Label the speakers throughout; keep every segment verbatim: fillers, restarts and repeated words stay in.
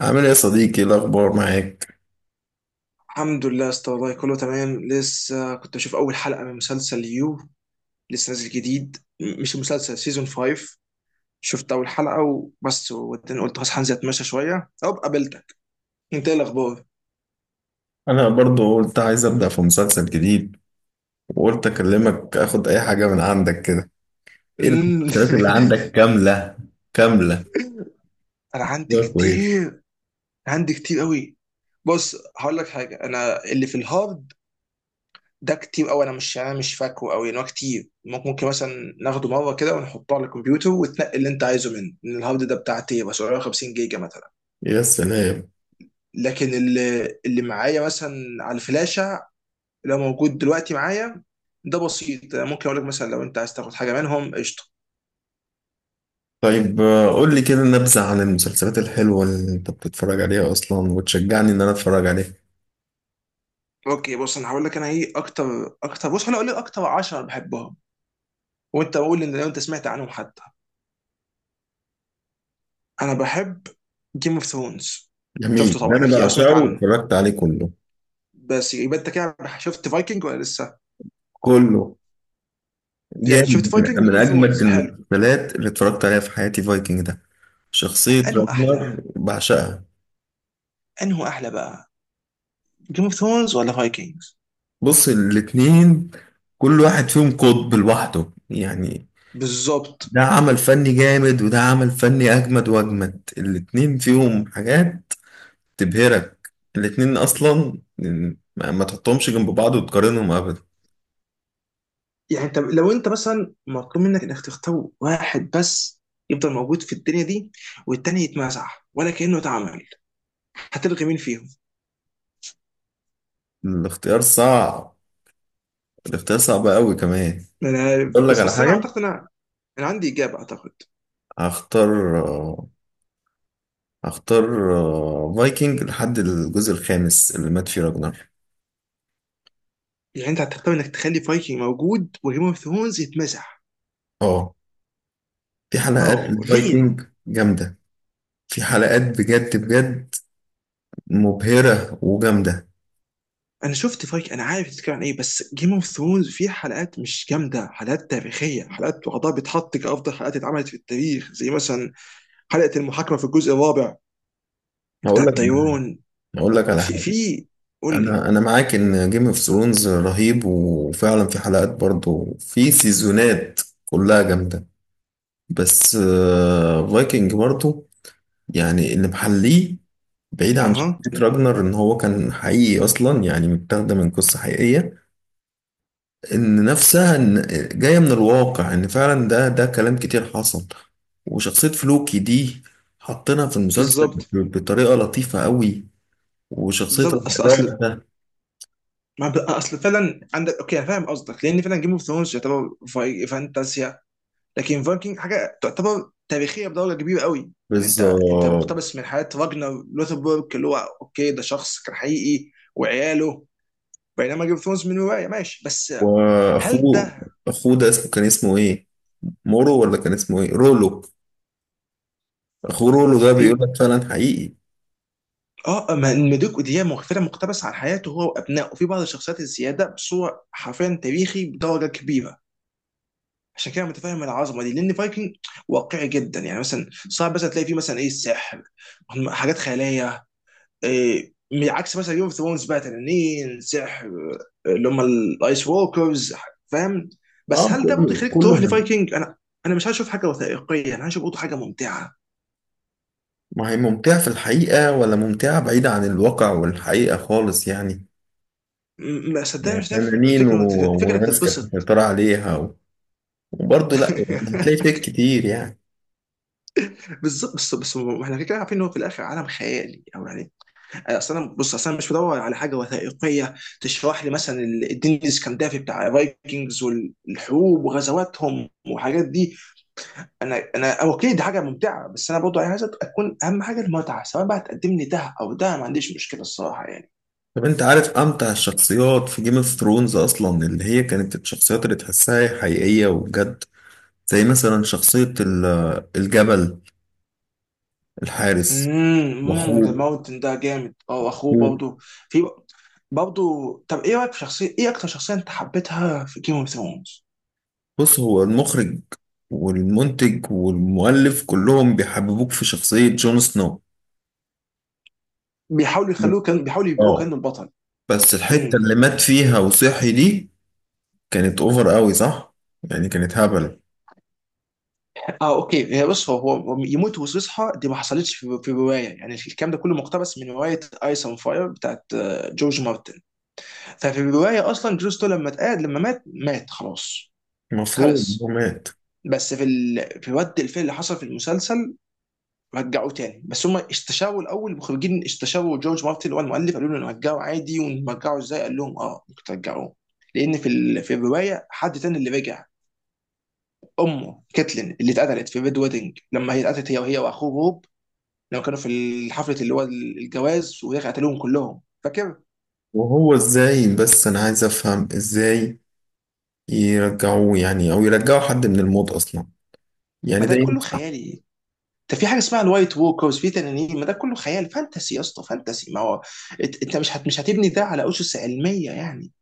Speaker 1: عامل ايه يا صديقي؟ إيه الاخبار معاك؟
Speaker 2: الحمد لله يا اسطى، والله كله تمام. لسه كنت بشوف اول حلقه من مسلسل يو، لسه نازل جديد، م- مش مسلسل سيزون خمسة. شفت اول حلقه وبس، وبعدين قلت خلاص هنزل اتمشى شويه او قابلتك. انت ايه الاخبار؟
Speaker 1: انا برضو قلت عايز ابدا في مسلسل جديد، وقلت اكلمك اخد اي حاجه من عندك كده. ايه
Speaker 2: مم.
Speaker 1: المسلسلات اللي عندك كامله؟ كامله.
Speaker 2: انا عندي
Speaker 1: ده كويس.
Speaker 2: كتير، عندي كتير قوي. بص هقول لك حاجه، انا اللي في الهارد ده كتير قوي. انا مش انا مش فاكره قوي ان هو كتير. ممكن ممكن مثلا ناخده مره كده ونحطه على الكمبيوتر وتنقي اللي انت عايزه منه، إن الهارد ده بتاع تيرا سبعميه وخمسين جيجا مثلا.
Speaker 1: يا سلام.
Speaker 2: لكن اللي اللي معايا مثلا على الفلاشه، اللي هو موجود دلوقتي معايا، ده بسيط. ممكن اقول لك مثلا لو انت عايز تاخد حاجه منهم، قشطه.
Speaker 1: طيب آه، قول لي كده نبذه عن المسلسلات الحلوه اللي انت بتتفرج عليها اصلا وتشجعني ان انا اتفرج عليها.
Speaker 2: اوكي بص، انا هقول لك انا ايه اكتر اكتر بص انا اقول لك اكتر عشرة بحبهم، وانت قول ان لو انت سمعت عنهم حتى. انا بحب جيم اوف ثرونز.
Speaker 1: جميل.
Speaker 2: شفته
Speaker 1: ده
Speaker 2: طبعا
Speaker 1: انا
Speaker 2: اكيد او سمعت
Speaker 1: بعشقه
Speaker 2: عنه،
Speaker 1: واتفرجت عليه كله.
Speaker 2: بس يبقى انت كده شفت فايكنج ولا لسه؟
Speaker 1: كله
Speaker 2: يعني شفت
Speaker 1: جامد.
Speaker 2: فايكنج
Speaker 1: من
Speaker 2: وجيم
Speaker 1: من
Speaker 2: اوف
Speaker 1: اجمد
Speaker 2: ثرونز حلو.
Speaker 1: المسلسلات اللي اتفرجت عليها في حياتي فايكنج ده. شخصيه
Speaker 2: انه
Speaker 1: راجنر
Speaker 2: احلى
Speaker 1: بعشقها.
Speaker 2: انه احلى بقى، جيم اوف ثرونز ولا فايكنجز؟
Speaker 1: بص، الاتنين كل واحد فيهم قطب لوحده يعني.
Speaker 2: بالظبط.
Speaker 1: ده عمل فني جامد وده عمل فني أجمد وأجمد. الاتنين فيهم حاجات تبهرك. الاتنين أصلا ما ما تحطهمش جنب بعض وتقارنهم أبدا.
Speaker 2: يعني انت لو انت مثلا مطلوب منك انك تختار واحد بس يفضل موجود في الدنيا دي، والتاني يتمسح ولا كأنه اتعمل، هتلغي مين فيهم؟
Speaker 1: الاختيار صعب. الاختيار صعب أوي كمان.
Speaker 2: انا،
Speaker 1: أقول لك
Speaker 2: بس
Speaker 1: على
Speaker 2: بس انا
Speaker 1: حاجة.
Speaker 2: اعتقد، انا انا عندي اجابه اعتقد.
Speaker 1: هختار آه، هختار آه، فايكنج لحد الجزء الخامس اللي مات فيه راجنر.
Speaker 2: يعني انت هتختار انك تخلي فايكنج موجود وجيم اوف ثرونز يتمسح؟
Speaker 1: اه، في حلقات
Speaker 2: اه ليه؟
Speaker 1: الفايكنج جامدة. في حلقات بجد بجد مبهرة وجامدة.
Speaker 2: انا شفت فايكنج، انا عارف بتتكلم عن ايه، بس جيم اوف ثرونز فيه حلقات مش جامده، حلقات تاريخيه، حلقات وعضها بيتحط كافضل حلقات اتعملت في التاريخ، زي مثلا حلقه المحاكمه في الجزء الرابع بتاع
Speaker 1: هقول لك على حاجة.
Speaker 2: الطيران.
Speaker 1: هقول لك على
Speaker 2: في
Speaker 1: حاجة.
Speaker 2: في قول لي.
Speaker 1: أنا أنا معاك إن جيم اوف ثرونز رهيب وفعلا في حلقات برضو، في سيزونات كلها جامدة، بس فايكنج برضو يعني اللي محليه. بعيد عن
Speaker 2: اها،
Speaker 1: شخصية راجنر إن هو كان حقيقي أصلا، يعني متاخدة من قصة حقيقية. إن نفسها إن جاية من الواقع، إن فعلا ده ده كلام كتير حصل. وشخصية فلوكي دي حطينا في المسلسل
Speaker 2: بالظبط
Speaker 1: بطريقة لطيفة قوي. وشخصية
Speaker 2: بالظبط، اصل
Speaker 1: الرباع
Speaker 2: اصل
Speaker 1: ده.
Speaker 2: ما ب- اصل فعلا عندك، اوكي أنا فاهم قصدك، لان فعلا جيم اوف ثرونز يعتبر في- فانتازيا، لكن فايكنج حاجه تعتبر تاريخيه بدرجه كبيره قوي. إن انت انت
Speaker 1: بالظبط.
Speaker 2: مقتبس من حياه راجنر لوثبورج، اللي هو اوكي ده شخص كان حقيقي وعياله، بينما جيم اوف ثرونز من روايه ماشي بس. هل
Speaker 1: وأخوه.
Speaker 2: ده
Speaker 1: أخوه ده اسمه، كان اسمه إيه؟ مورو، ولا كان اسمه إيه؟ رولو. أخوه رولو ده بيقول
Speaker 2: في،
Speaker 1: لك فعلا حقيقي.
Speaker 2: اه ما مدوك ودي مغفره، مقتبس عن حياته هو وابنائه وفي بعض الشخصيات الزياده، بصوره حرفيا تاريخي بدرجه كبيره. عشان كده متفاهم العظمه دي، لان فايكنج واقعي جدا. يعني مثلا صعب مثلا تلاقي فيه مثلا ايه، السحر، هم- حاجات خياليه إيه، من عكس مثلا جيم اوف ثرونز بقى، تنانين، سحر، آه، اللي هم الايس ووكرز، فاهم؟ بس
Speaker 1: آه
Speaker 2: هل ده برضه
Speaker 1: كله،
Speaker 2: يخليك
Speaker 1: كله
Speaker 2: تروح
Speaker 1: هم.
Speaker 2: لفايكنج؟ انا انا مش هشوف حاجه وثائقيه، انا هشوف برضه حاجه ممتعه.
Speaker 1: ما هي ممتعة في الحقيقة، ولا ممتعة بعيدة عن الواقع والحقيقة خالص يعني.
Speaker 2: م- ما صدقني،
Speaker 1: يعني
Speaker 2: مش شايف
Speaker 1: فنانين
Speaker 2: الفكره؟ إنك-
Speaker 1: و-
Speaker 2: الفكره انك
Speaker 1: وناس كانت
Speaker 2: تتبسط.
Speaker 1: مسيطرة عليها و- وبرضه لأ. هتلاقي فيك كتير يعني.
Speaker 2: بالظبط، بس بس ما احنا كده كده عارفين ان هو في الاخر عالم خيالي او يعني. آه، اصل انا، بص اصل انا مش بدور على حاجه وثائقيه تشرح لي مثلا ال- الدين الاسكندافي بتاع الفايكنجز والحروب وغزواتهم والحاجات دي. انا انا اوكي، دي حاجه ممتعه، بس انا برضه عايز اكون اهم حاجه المتعه، سواء بقى تقدم لي ده او ده، ما عنديش مشكله الصراحه يعني.
Speaker 1: طب أنت عارف أمتع الشخصيات في جيم اوف ثرونز أصلا، اللي هي كانت الشخصيات اللي تحسها حقيقية وبجد، زي مثلا شخصية ال- الجبل الحارس.
Speaker 2: امم ذا
Speaker 1: وأخوه.
Speaker 2: ماونتن ده جامد، اه، اخوه
Speaker 1: أخوه.
Speaker 2: برضه في، برضه. طب ايه رايك في شخصيه، ايه اكتر شخصيه انت حبيتها في جيم اوف ثرونز؟
Speaker 1: بص، هو المخرج والمنتج والمؤلف كلهم بيحببوك في شخصية جون سنو.
Speaker 2: بيحاولوا يخلوه كان بيحاولوا يبيعوه
Speaker 1: اه،
Speaker 2: كانه البطل.
Speaker 1: بس الحتة
Speaker 2: امم
Speaker 1: اللي مات فيها وصحي دي كانت اوفر قوي، صح؟ يعني كانت هبل.
Speaker 2: اه اوكي، هي بص، هو هو يموت ويصحى دي، ما حصلتش في في روايه. يعني الكلام ده كله مقتبس من روايه ايس اون فاير بتاعت آه، جورج مارتن. ففي الروايه اصلا جريستو لما اتقعد لما مات، مات خلاص.
Speaker 1: المفروض هو
Speaker 2: خلص.
Speaker 1: مات.
Speaker 2: بس في ال... في رد الفعل اللي حصل في المسلسل، رجعوه تاني، بس هم استشاروا الاول، المخرجين استشاروا جورج مارتن اللي هو المؤلف، قالوا له نرجعه عادي ونرجعه ازاي، قال لهم اه ممكن ترجعوه، لان في ال... في الروايه حد تاني اللي رجع، امه كاتلين اللي اتقتلت في ريد ويدنج. لما هي اتقتلت هي وهي واخوه، لو كانوا في الحفلة اللي هو الجواز، وهي قتلوهم كلهم، فاكر؟
Speaker 1: وهو ازاي؟ بس انا عايز افهم ازاي يرجعوه يعني، او يرجعوا حد من الموت اصلا؟ يعني
Speaker 2: ما ده
Speaker 1: ده
Speaker 2: كله
Speaker 1: ينفع؟
Speaker 2: خيالي. ده في حاجة اسمها الوايت ووكرز، في تنانين، ما ده كله خيال فانتسي يا اسطى، فانتسي. ما هو، إت- انت مش هت... مش هتبني ده على أسس علمية يعني.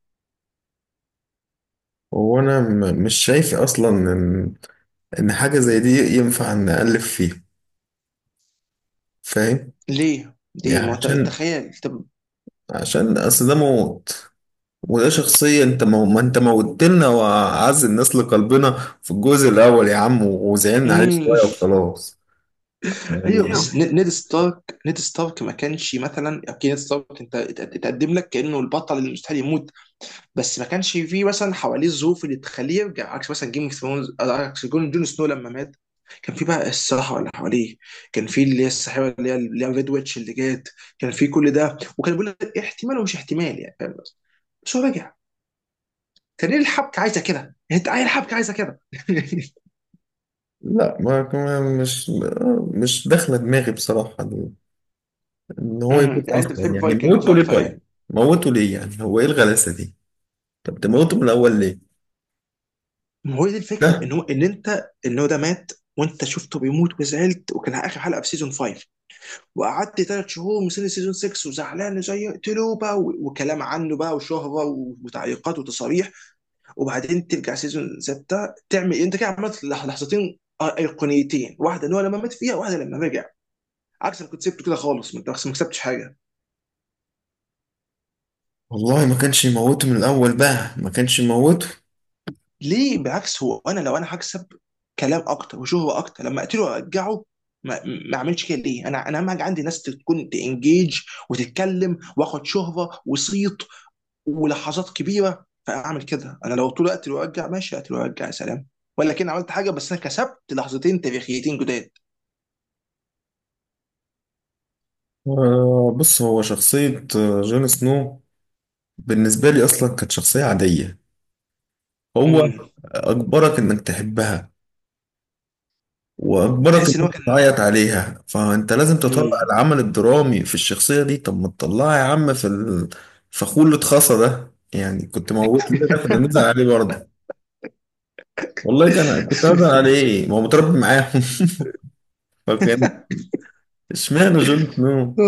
Speaker 1: هو انا م- مش شايف اصلا ان حاجه زي دي ينفع نألف فيه، فاهم؟
Speaker 2: ليه؟ ليه؟
Speaker 1: يعني
Speaker 2: ما هو انت أنت
Speaker 1: عشان،
Speaker 2: خيال طب.
Speaker 1: عشان اصل ده موت، وده شخصيه انت مو... ما انت موتت لنا واعز الناس لقلبنا في الجزء الاول يا عم، وزعلنا عليه
Speaker 2: مم.
Speaker 1: شويه وخلاص. يعني
Speaker 2: ايوه، بس
Speaker 1: ايوه.
Speaker 2: ن- نيد ستارك نيد ستارك ما كانش مثلا، اوكي نيد ستارك انت ات- اتقدم لك كأنه البطل اللي مستحيل يموت، بس ما كانش فيه مثلا حواليه الظروف اللي تخليه يرجع. عكس مثلا جيم اوف ثرونز، عكس جون جون سنو لما مات، كان في بقى الصحراء اللي حواليه، كان في اللي هي الساحره، اللي هي اللي هي ريد ويتش اللي جات، كان في كل ده، وكان بيقول لك احتمال ومش احتمال يعني، فاهم؟ بس هو رجع، كان ليه؟ الحبكه عايزه كده، انت عايز الحبكه عايزه كده.
Speaker 1: لا، ما ما- مش، مش داخله دماغي بصراحه ان هو يموت
Speaker 2: مم. يعني انت
Speaker 1: اصلا،
Speaker 2: بتحب
Speaker 1: يعني
Speaker 2: فايكنجز
Speaker 1: موته ليه
Speaker 2: اكتر
Speaker 1: طيب؟
Speaker 2: يعني.
Speaker 1: موته ليه يعني؟ هو ايه الغلاسه دي؟ طب تموته من الاول ليه؟
Speaker 2: ما هو دي الفكره،
Speaker 1: ده
Speaker 2: ان هو ان انت ان هو ده مات، وانت شفته بيموت وزعلت، وكان اخر حلقه في سيزون خمسة، وقعدت ثلاث شهور مستني سيزون ستة وزعلان، زي يقتلوا بقى، و- وكلام عنه بقى، وشهره، و- وتعليقات وتصاريح. وبعدين ترجع سيزون ستة تعمل انت كده، عملت لح- لحظتين أي- ايقونيتين، واحده ان هو لما مات فيها، واحده لما رجع، عكس ما كنت سبته كده خالص ما انت ما كسبتش حاجه.
Speaker 1: والله ما كانش يموته من الاول بقى، ما كانش يموته.
Speaker 2: ليه؟ بالعكس هو، انا لو انا هكسب كلام اكتر وشهره اكتر لما اقتله وارجعه، ما ما اعملش كده ليه؟ انا انا اهم حاجه عندي ناس تكون تنجيج وتتكلم، واخد شهره وصيت ولحظات كبيره، فاعمل كده. انا لو طول الوقت وارجع ماشي، اقتل وارجع، يا سلام. ولا كان عملت حاجه، بس انا كسبت لحظتين تاريخيتين جداد.
Speaker 1: آه، بص، هو شخصية آه، جون سنو بالنسبة لي أصلا كانت شخصية عادية. هو
Speaker 2: امم.
Speaker 1: أجبرك إنك تحبها وأجبرك
Speaker 2: تحس ان هو
Speaker 1: إنك
Speaker 2: كان
Speaker 1: تعيط عليها، فأنت لازم تطلع
Speaker 2: امم
Speaker 1: العمل الدرامي في الشخصية دي. طب ما تطلعها يا عم في الفخور اللي اتخصى ده، يعني كنت موت ليه ده؟ كنا نزعل عليه برضه. والله كان، كنت هزعل عليه، ما هو متربي معاهم. فكان، اشمعنى جون سنو؟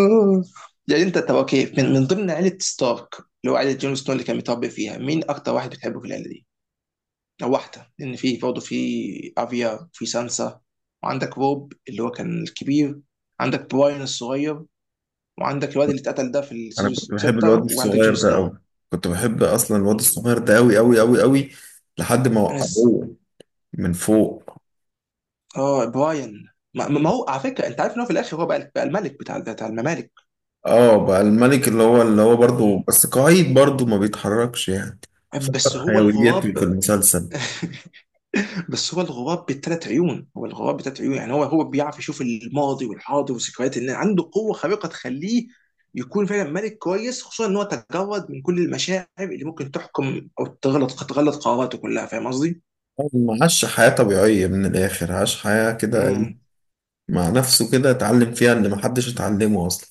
Speaker 2: يعني انت طب اوكي، من, من ضمن عيله ستارك اللي هو عيله جون سنو اللي كان متربي فيها، مين اكتر واحد بتحبه في العيله دي؟ او واحده، لان في برضه، في افيا، في سانسا، وعندك روب اللي هو كان الكبير، عندك براين الصغير، وعندك الواد اللي اتقتل ده في
Speaker 1: انا
Speaker 2: السيزون
Speaker 1: كنت بحب الواد
Speaker 2: ستة، وعندك جون
Speaker 1: الصغير ده
Speaker 2: سنو.
Speaker 1: قوي. كنت بحب اصلا الواد الصغير ده قوي قوي قوي قوي، لحد ما
Speaker 2: انا س...
Speaker 1: وقعوه من فوق.
Speaker 2: اه براين. ما, ما هو على فكره، انت عارف ان هو في الاخر هو بقى, بقى الملك بتاع بتاع الممالك.
Speaker 1: اه، بقى الملك اللي هو، اللي هو برضه
Speaker 2: مم.
Speaker 1: بس قاعد برضه ما بيتحركش يعني. فقد
Speaker 2: بس هو
Speaker 1: حيويته في
Speaker 2: الغراب
Speaker 1: المسلسل.
Speaker 2: بس هو الغراب بالثلاث عيون، هو الغراب بالثلاث عيون، يعني هو هو بيعرف يشوف الماضي والحاضر وذكريات الناس، عنده قوه خارقه تخليه يكون فعلا ملك كويس، خصوصا ان هو تجرد من كل المشاعر اللي ممكن تحكم او تغلط تغلط قراراته كلها، فاهم قصدي؟
Speaker 1: هو ما عاش حياة طبيعية من الآخر، عاش حياة كده إيه،
Speaker 2: مم.
Speaker 1: مع نفسه، كده اتعلم فيها اللي محدش اتعلمه أصلا.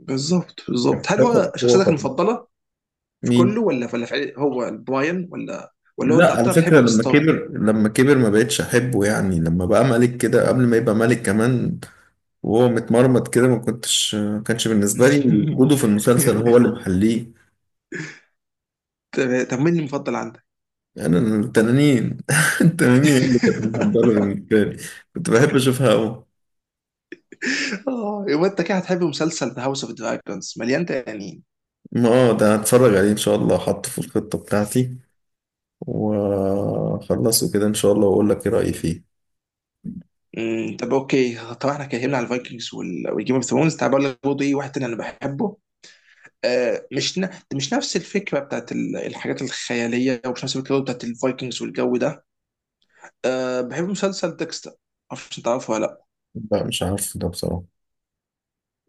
Speaker 2: بالظبط بالظبط. هل
Speaker 1: فاكر
Speaker 2: هو شخصيتك
Speaker 1: هو
Speaker 2: المفضله في
Speaker 1: مين؟
Speaker 2: كله؟ ولا ولا في عيل- هو براين، ولا ولا هو انت
Speaker 1: لا، على
Speaker 2: اكتر بتحبه
Speaker 1: فكرة، لما
Speaker 2: بستارك؟
Speaker 1: كبر، لما كبر ما بقتش أحبه، يعني لما بقى ملك كده، قبل ما يبقى ملك كمان وهو متمرمط كده، ما كنتش، ما كانش بالنسبة لي وجوده في المسلسل هو اللي محليه.
Speaker 2: طب طب، مين المفضل عندك؟
Speaker 1: يعني أنا التنانين التنانين هي اللي كانت مفضلة بالنسبة لي. كنت بحب أشوفها أوي.
Speaker 2: آه، يبقى انت كده هتحب مسلسل ذا هاوس اوف دراجونز، مليان تنانين.
Speaker 1: ما اه، ده هتفرج عليه إن شاء الله، حطه في الخطة بتاعتي وأخلصه كده إن شاء الله، وأقول لك إيه رأيي فيه.
Speaker 2: أمم، طب اوكي، طبعا احنا اتكلمنا على الفايكنجز والجيم اوف ثرونز، تعال بقول لك برضه ايه واحد تاني انا بحبه. آه مش ن... مش نفس الفكره بتاعت ال- الحاجات الخياليه، ومش نفس الفكره بتاعت الفايكنجز والجو ده. آه بحب مسلسل ديكستر، معرفش انت عارفه ولا.
Speaker 1: لا، مش عارف ده بصراحة.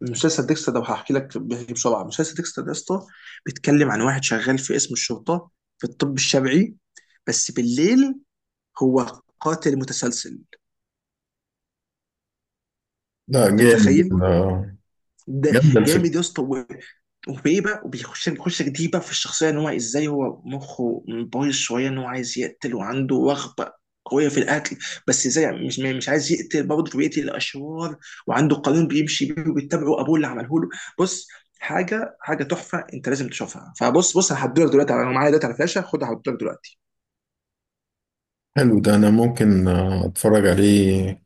Speaker 2: مسلسل ديكستر ده هحكي لك، بيحكي بسرعه. مسلسل ديكستر ده يا اسطى بيتكلم عن واحد شغال في قسم الشرطه، في الطب الشرعي، بس بالليل هو قاتل متسلسل.
Speaker 1: لا
Speaker 2: انت
Speaker 1: جامد،
Speaker 2: متخيل
Speaker 1: آه،
Speaker 2: ده
Speaker 1: جامدة الفكرة.
Speaker 2: جامد يا اسطى، و- وبايه بقى، وبيخش يخش جديد بقى في الشخصيه، ان هو ازاي، هو مخه بايظ شويه، ان هو عايز يقتل، وعنده رغبه قويه في القتل، بس ازاي يعني، مش مش عايز يقتل برضه، فبيقتل الاشرار، وعنده قانون بيمشي بيه وبيتبعه، ابوه اللي عمله له. بص، حاجه حاجه تحفه، انت لازم تشوفها. فبص بص، انا هديلك دلوقتي، انا معايا دلوقتي على فلاشه، خدها هديلك دلوقتي.
Speaker 1: حلو ده، أنا ممكن آه، أتفرج عليه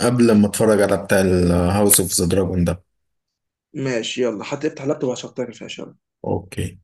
Speaker 1: قبل ما أتفرج على بتاع الهاوس أوف ذا دراجون ده.
Speaker 2: ماشي يلا، حتى افتح اللابتوب وهشغلك الفلاشه.
Speaker 1: أوكي.